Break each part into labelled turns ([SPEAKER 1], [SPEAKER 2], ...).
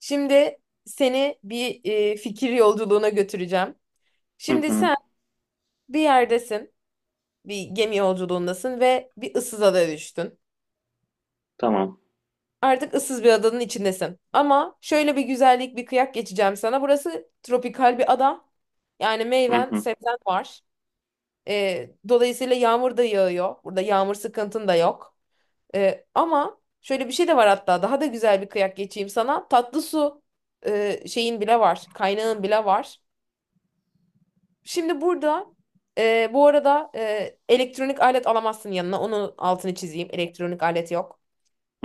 [SPEAKER 1] Şimdi seni bir fikir yolculuğuna götüreceğim.
[SPEAKER 2] Hı
[SPEAKER 1] Şimdi
[SPEAKER 2] hı,
[SPEAKER 1] sen bir yerdesin, bir gemi yolculuğundasın ve bir ıssız adaya düştün.
[SPEAKER 2] tamam.
[SPEAKER 1] Artık ıssız bir adanın içindesin. Ama şöyle bir güzellik, bir kıyak geçeceğim sana. Burası tropikal bir ada. Yani
[SPEAKER 2] Hı
[SPEAKER 1] meyven,
[SPEAKER 2] hı,
[SPEAKER 1] sebzen var. Dolayısıyla yağmur da yağıyor. Burada yağmur sıkıntın da yok. Ama şöyle bir şey de var hatta. Daha da güzel bir kıyak geçeyim sana. Tatlı su şeyin bile var. Kaynağın bile var. Şimdi burada bu arada elektronik alet alamazsın yanına. Onun altını çizeyim. Elektronik alet yok.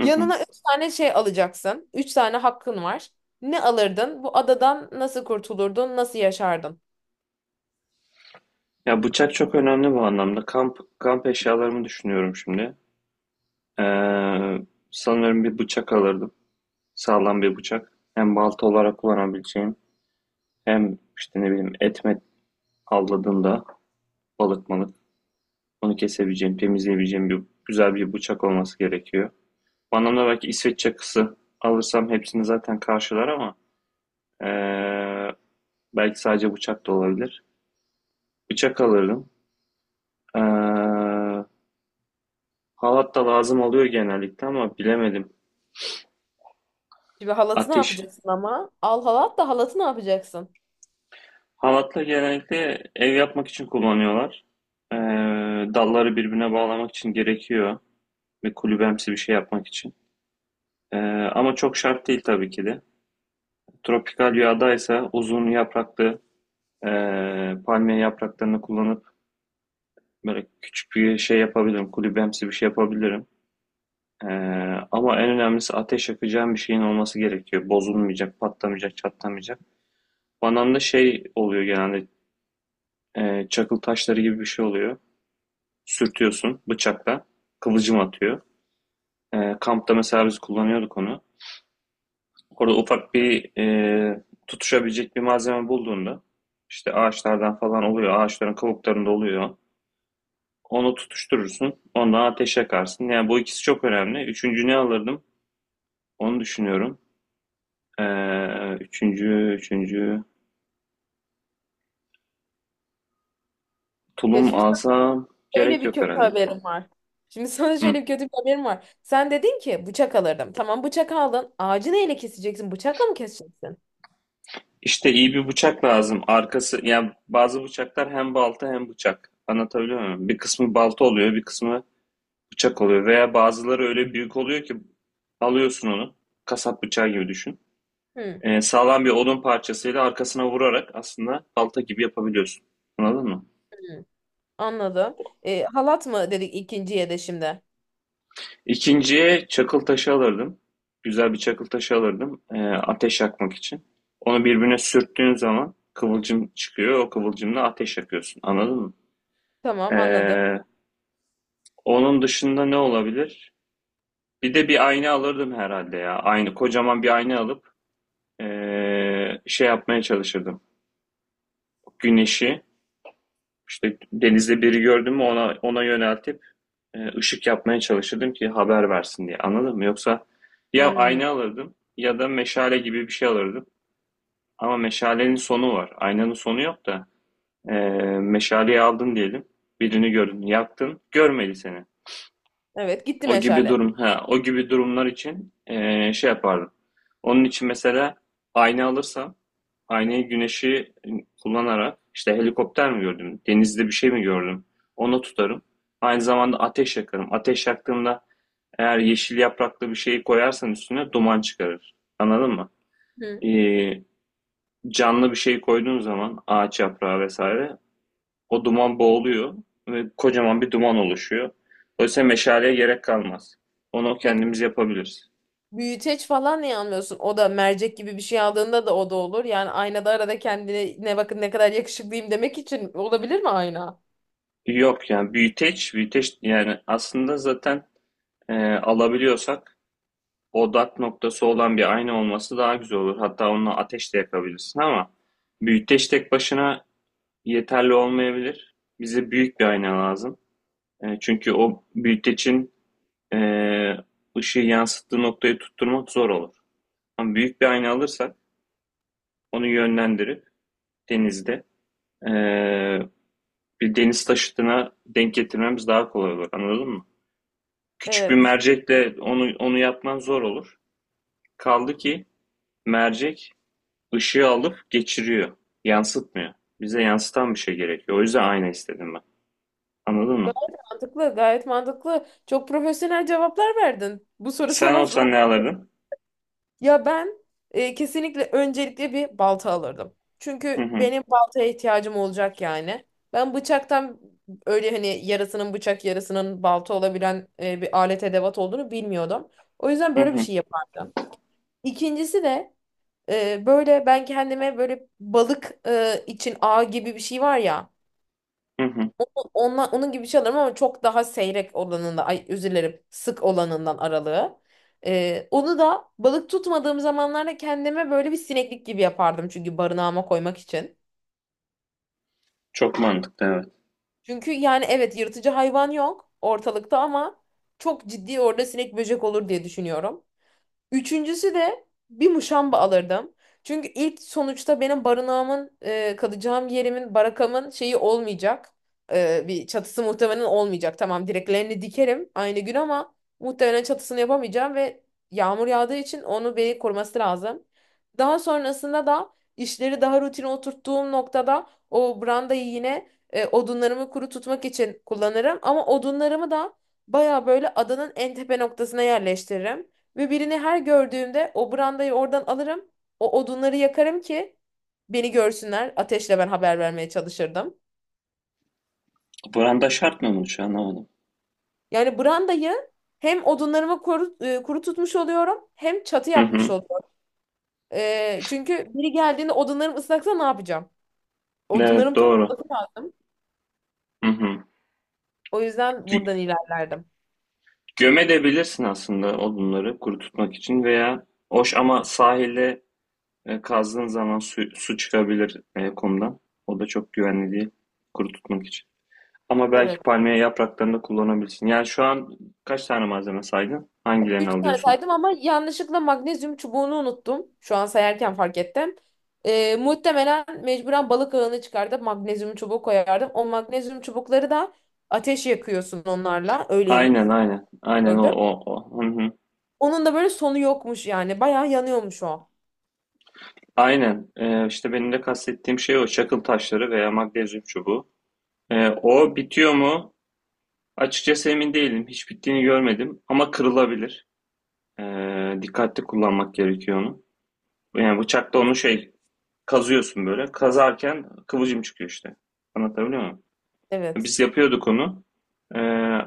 [SPEAKER 2] hı hı.
[SPEAKER 1] üç tane şey alacaksın. Üç tane hakkın var. Ne alırdın? Bu adadan nasıl kurtulurdun? Nasıl yaşardın?
[SPEAKER 2] Ya bıçak çok önemli bu anlamda. Kamp eşyalarımı düşünüyorum şimdi. Ee, Sanırım bir bıçak alırdım. Sağlam bir bıçak. Hem balta olarak kullanabileceğim, hem işte ne bileyim et met avladığımda balık malık onu kesebileceğim, temizleyebileceğim bir güzel bir bıçak olması gerekiyor. Bu anlamda belki İsveç çakısı alırsam hepsini zaten karşılar ama ee, belki sadece bıçak da olabilir. Bıçak alırdım. Ee, Halat da lazım oluyor genellikle ama bilemedim.
[SPEAKER 1] Şimdi halatı ne
[SPEAKER 2] Ateş.
[SPEAKER 1] yapacaksın ama? Al halat da halatı ne yapacaksın?
[SPEAKER 2] Halatla genellikle ev yapmak için kullanıyorlar. Ee, Dalları birbirine bağlamak için gerekiyor. Ve kulübemsi bir şey yapmak için. Ee, Ama çok şart değil tabii ki de. Tropikal yağdaysa uzun yapraklı palmiye yapraklarını kullanıp böyle küçük bir şey yapabilirim. Kulübemsi bir şey yapabilirim. Ee, Ama en önemlisi ateş yakacağım bir şeyin olması gerekiyor. Bozulmayacak, patlamayacak, çatlamayacak. Bananda şey oluyor genelde, çakıl taşları gibi bir şey oluyor. Sürtüyorsun bıçakla. Kıvılcım atıyor. Kampta mesela biz kullanıyorduk onu. Orada ufak bir tutuşabilecek bir malzeme bulduğunda işte ağaçlardan falan oluyor. Ağaçların kabuklarında oluyor. Onu tutuşturursun. Ondan ateş yakarsın. Yani bu ikisi çok önemli. Üçüncü ne alırdım? Onu düşünüyorum. E, üçüncü
[SPEAKER 1] Ya
[SPEAKER 2] tulum
[SPEAKER 1] şimdi sana
[SPEAKER 2] alsam
[SPEAKER 1] böyle
[SPEAKER 2] gerek
[SPEAKER 1] bir
[SPEAKER 2] yok
[SPEAKER 1] kötü
[SPEAKER 2] herhalde.
[SPEAKER 1] haberim var. Şimdi sana
[SPEAKER 2] Hı.
[SPEAKER 1] şöyle bir kötü bir haberim var. Sen dedin ki bıçak alırdım. Tamam bıçak aldın. Ağacı neyle keseceksin? Bıçakla mı keseceksin?
[SPEAKER 2] İşte iyi bir bıçak lazım. Arkası yani bazı bıçaklar hem balta hem bıçak. Anlatabiliyor muyum? Bir kısmı balta oluyor, bir kısmı bıçak oluyor. Veya bazıları öyle büyük oluyor ki alıyorsun onu. Kasap bıçağı gibi düşün.
[SPEAKER 1] Hmm.
[SPEAKER 2] Sağlam bir odun parçasıyla arkasına vurarak aslında balta gibi yapabiliyorsun. Anladın mı?
[SPEAKER 1] Anladım. Halat mı dedik ikinciye de şimdi?
[SPEAKER 2] İkinciye çakıl taşı alırdım. Güzel bir çakıl taşı alırdım. Ateş yakmak için. Onu birbirine sürttüğün zaman kıvılcım çıkıyor. O kıvılcımla ateş yakıyorsun. Anladın mı?
[SPEAKER 1] Tamam anladım.
[SPEAKER 2] Ee, Onun dışında ne olabilir? Bir de bir ayna alırdım herhalde ya. Aynı kocaman bir ayna alıp şey yapmaya çalışırdım. Güneşi işte denizde biri gördüm mü ona yöneltip ışık yapmaya çalışırdım ki haber versin diye. Anladın mı? Yoksa ya
[SPEAKER 1] Hmm.
[SPEAKER 2] ayna alırdım ya da meşale gibi bir şey alırdım. Ama meşalenin sonu var. Aynanın sonu yok da eee meşaleyi aldın diyelim. Birini gördün, yaktın, görmedi seni.
[SPEAKER 1] Evet gitti meşale.
[SPEAKER 2] O gibi durumlar için şey yapardım. Onun için mesela ayna alırsam, aynayı güneşi kullanarak işte helikopter mi gördüm, denizde bir şey mi gördüm, onu tutarım. Aynı zamanda ateş yakarım. Ateş yaktığımda eğer yeşil yapraklı bir şeyi koyarsan üstüne duman çıkarır. Anladın mı?
[SPEAKER 1] Hı.
[SPEAKER 2] Eee, Canlı bir şey koyduğun zaman ağaç yaprağı vesaire o duman boğuluyor ve kocaman bir duman oluşuyor. Dolayısıyla meşaleye gerek kalmaz. Onu
[SPEAKER 1] Peki
[SPEAKER 2] kendimiz yapabiliriz.
[SPEAKER 1] büyüteç falan niye almıyorsun? O da mercek gibi bir şey aldığında da o da olur. Yani aynada arada kendine ne bakın ne kadar yakışıklıyım demek için olabilir mi ayna?
[SPEAKER 2] Yok yani büyüteç yani aslında zaten alabiliyorsak odak noktası olan bir ayna olması daha güzel olur. Hatta onunla ateş de yakabilirsin ama büyüteç tek başına yeterli olmayabilir. Bize büyük bir ayna lazım. Çünkü o büyütecin e, ışığı yansıttığı noktayı tutturmak zor olur. Ama büyük bir ayna alırsak onu yönlendirip denizde eee, bir deniz taşıtına denk getirmemiz daha kolay olur. Anladın mı? Küçük bir
[SPEAKER 1] Evet.
[SPEAKER 2] mercekle onu yapman zor olur. Kaldı ki mercek ışığı alıp geçiriyor. Yansıtmıyor. Bize yansıtan bir şey gerekiyor. O yüzden ayna istedim ben. Anladın mı?
[SPEAKER 1] Gayet mantıklı, gayet mantıklı. Çok profesyonel cevaplar verdin. Bu soru
[SPEAKER 2] Sen
[SPEAKER 1] sana zor.
[SPEAKER 2] olsan ne alırdın?
[SPEAKER 1] Ya ben kesinlikle öncelikle bir balta alırdım.
[SPEAKER 2] Hı
[SPEAKER 1] Çünkü
[SPEAKER 2] hı.
[SPEAKER 1] benim baltaya ihtiyacım olacak yani. Ben bıçaktan öyle hani yarısının bıçak yarısının balta olabilen bir alet edevat olduğunu bilmiyordum. O yüzden
[SPEAKER 2] Hı
[SPEAKER 1] böyle bir
[SPEAKER 2] hı.
[SPEAKER 1] şey yapardım. İkincisi de böyle ben kendime böyle balık için ağ gibi bir şey var ya.
[SPEAKER 2] Hı hı.
[SPEAKER 1] Onla, onun gibi bir şey alırım ama çok daha seyrek olanında, ay özür dilerim, sık olanından aralığı. Onu da balık tutmadığım zamanlarda kendime böyle bir sineklik gibi yapardım çünkü barınağıma koymak için.
[SPEAKER 2] Çok mantıklı, evet.
[SPEAKER 1] Çünkü yani evet yırtıcı hayvan yok ortalıkta ama çok ciddi orada sinek böcek olur diye düşünüyorum. Üçüncüsü de bir muşamba alırdım. Çünkü ilk sonuçta benim barınağımın, kalacağım yerimin, barakamın şeyi olmayacak. Bir çatısı muhtemelen olmayacak. Tamam direklerini dikerim aynı gün ama muhtemelen çatısını yapamayacağım ve yağmur yağdığı için onu beni koruması lazım. Daha sonrasında da işleri daha rutine oturttuğum noktada o brandayı yine odunlarımı kuru tutmak için kullanırım. Ama odunlarımı da baya böyle adanın en tepe noktasına yerleştiririm. Ve birini her gördüğümde o brandayı oradan alırım. O odunları yakarım ki beni görsünler. Ateşle ben haber vermeye çalışırdım.
[SPEAKER 2] Branda şart mı, bunu şu an anlamadım.
[SPEAKER 1] Yani brandayı hem odunlarımı kuru, tutmuş oluyorum hem çatı
[SPEAKER 2] Hı
[SPEAKER 1] yapmış
[SPEAKER 2] hı.
[SPEAKER 1] oluyorum. Çünkü biri geldiğinde odunlarım ıslaksa ne yapacağım?
[SPEAKER 2] Evet,
[SPEAKER 1] Odunlarım
[SPEAKER 2] doğru.
[SPEAKER 1] tutması lazım.
[SPEAKER 2] Hı hı.
[SPEAKER 1] O yüzden buradan ilerlerdim.
[SPEAKER 2] Gömebilirsin aslında odunları kuru tutmak için veya hoş ama sahilde kazdığın zaman su çıkabilir, kumdan. O da çok güvenli değil kuru tutmak için. Ama belki
[SPEAKER 1] Evet.
[SPEAKER 2] palmiye yapraklarını da kullanabilirsin. Yani şu an kaç tane malzeme saydın? Hangilerini
[SPEAKER 1] Üç tane
[SPEAKER 2] alıyorsun?
[SPEAKER 1] saydım ama yanlışlıkla magnezyum çubuğunu unuttum. Şu an sayarken fark ettim. Muhtemelen mecburen balık ağını çıkardım. Magnezyum çubuğu koyardım. O magnezyum çubukları da ateş yakıyorsun onlarla. Öyleymiş
[SPEAKER 2] Aynen, aynen. Aynen, o
[SPEAKER 1] gördüm.
[SPEAKER 2] o o. Hı hı.
[SPEAKER 1] Onun da böyle sonu yokmuş yani. Bayağı yanıyormuş o.
[SPEAKER 2] Aynen. İşte benim de kastettiğim şey o. Çakıl taşları veya magnezyum çubuğu. O bitiyor mu? Açıkçası emin değilim. Hiç bittiğini görmedim. Ama kırılabilir. Dikkatli kullanmak gerekiyor onu. Yani bıçakla onu şey kazıyorsun böyle. Kazarken kıvılcım çıkıyor işte. Anlatabiliyor muyum?
[SPEAKER 1] Evet.
[SPEAKER 2] Biz yapıyorduk onu. Ee,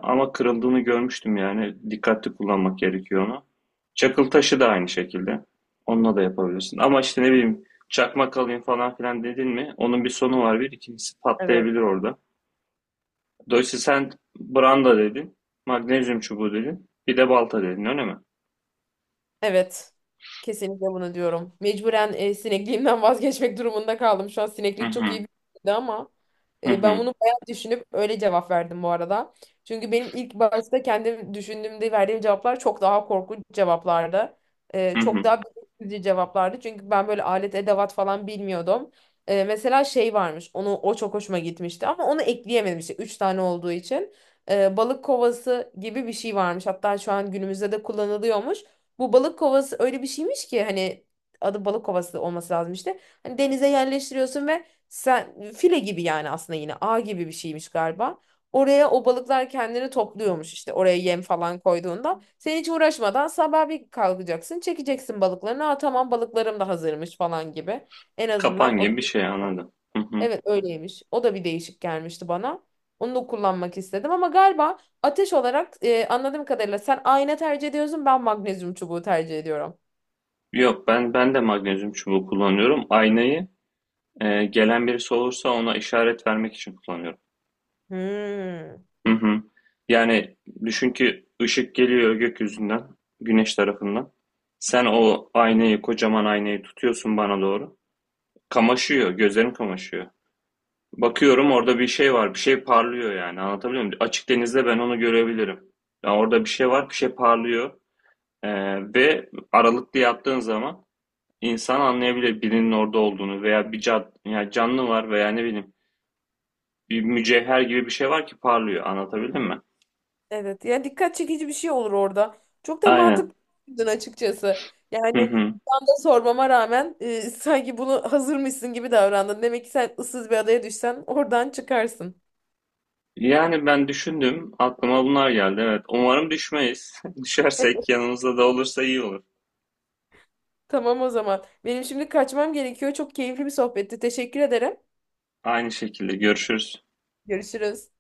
[SPEAKER 2] Ama kırıldığını görmüştüm yani. Dikkatli kullanmak gerekiyor onu. Çakıl taşı da aynı şekilde. Onunla da yapabilirsin. Ama işte ne bileyim çakmak alayım falan filan dedin mi? Onun bir sonu var bir. İkincisi
[SPEAKER 1] Evet.
[SPEAKER 2] patlayabilir orada. Dolayısıyla sen branda dedin. Magnezyum çubuğu dedin. Bir de balta dedin, öyle mi?
[SPEAKER 1] Evet. Kesinlikle bunu diyorum. Mecburen sinekliğimden vazgeçmek durumunda kaldım. Şu an
[SPEAKER 2] Hı
[SPEAKER 1] sineklik çok iyi
[SPEAKER 2] hı.
[SPEAKER 1] bir şeydi ama
[SPEAKER 2] Hı
[SPEAKER 1] ben
[SPEAKER 2] hı.
[SPEAKER 1] bunu bayağı düşünüp öyle cevap verdim bu arada. Çünkü benim ilk başta kendim düşündüğümde verdiğim cevaplar çok daha korkunç cevaplardı.
[SPEAKER 2] Hı
[SPEAKER 1] Çok
[SPEAKER 2] hı.
[SPEAKER 1] daha bilinçsizce cevaplardı. Çünkü ben böyle alet edevat falan bilmiyordum. Mesela şey varmış. Onu o çok hoşuma gitmişti ama onu ekleyemedim işte 3 tane olduğu için. Balık kovası gibi bir şey varmış. Hatta şu an günümüzde de kullanılıyormuş. Bu balık kovası öyle bir şeymiş ki hani adı balık kovası olması lazım işte. Hani denize yerleştiriyorsun ve sen file gibi yani aslında yine ağ gibi bir şeymiş galiba. Oraya o balıklar kendini topluyormuş işte oraya yem falan koyduğunda. Sen hiç uğraşmadan sabah bir kalkacaksın çekeceksin balıklarını. Aa tamam balıklarım da hazırmış falan gibi. En azından
[SPEAKER 2] Kapan
[SPEAKER 1] o.
[SPEAKER 2] gibi bir şey anladım. Hı hı.
[SPEAKER 1] Evet öyleymiş. O da bir değişik gelmişti bana. Onu da kullanmak istedim ama galiba ateş olarak anladığım kadarıyla sen ayna tercih ediyorsun ben magnezyum çubuğu tercih ediyorum.
[SPEAKER 2] Yok, ben de magnezyum çubuğu kullanıyorum. Aynayı gelen birisi olursa ona işaret vermek için kullanıyorum.
[SPEAKER 1] Hmm.
[SPEAKER 2] Hı hı. Yani düşün ki ışık geliyor gökyüzünden, güneş tarafından. Sen o aynayı, kocaman aynayı tutuyorsun bana doğru. Kamaşıyor, gözlerim kamaşıyor. Bakıyorum orada bir şey var, bir şey parlıyor yani. Anlatabiliyor muyum? Açık denizde ben onu görebilirim. Ya orada bir şey var, bir şey parlıyor. E, Ve aralıklı yaptığın zaman İnsan anlayabilir birinin orada olduğunu veya yani canlı var veya ne bileyim bir mücevher gibi bir şey var ki parlıyor. Anlatabildim mi?
[SPEAKER 1] Evet yani dikkat çekici bir şey olur orada. Çok da
[SPEAKER 2] Aynen.
[SPEAKER 1] mantıklıydın açıkçası. Yani
[SPEAKER 2] Hı hı.
[SPEAKER 1] ben de sormama rağmen sanki bunu hazırmışsın gibi davrandın. Demek ki sen ıssız bir adaya düşsen oradan çıkarsın.
[SPEAKER 2] Yani ben düşündüm, aklıma bunlar geldi. Evet, umarım düşmeyiz. Düşersek yanımızda da olursa iyi olur.
[SPEAKER 1] Tamam o zaman. Benim şimdi kaçmam gerekiyor. Çok keyifli bir sohbetti. Teşekkür ederim.
[SPEAKER 2] Aynı şekilde, görüşürüz.
[SPEAKER 1] Görüşürüz.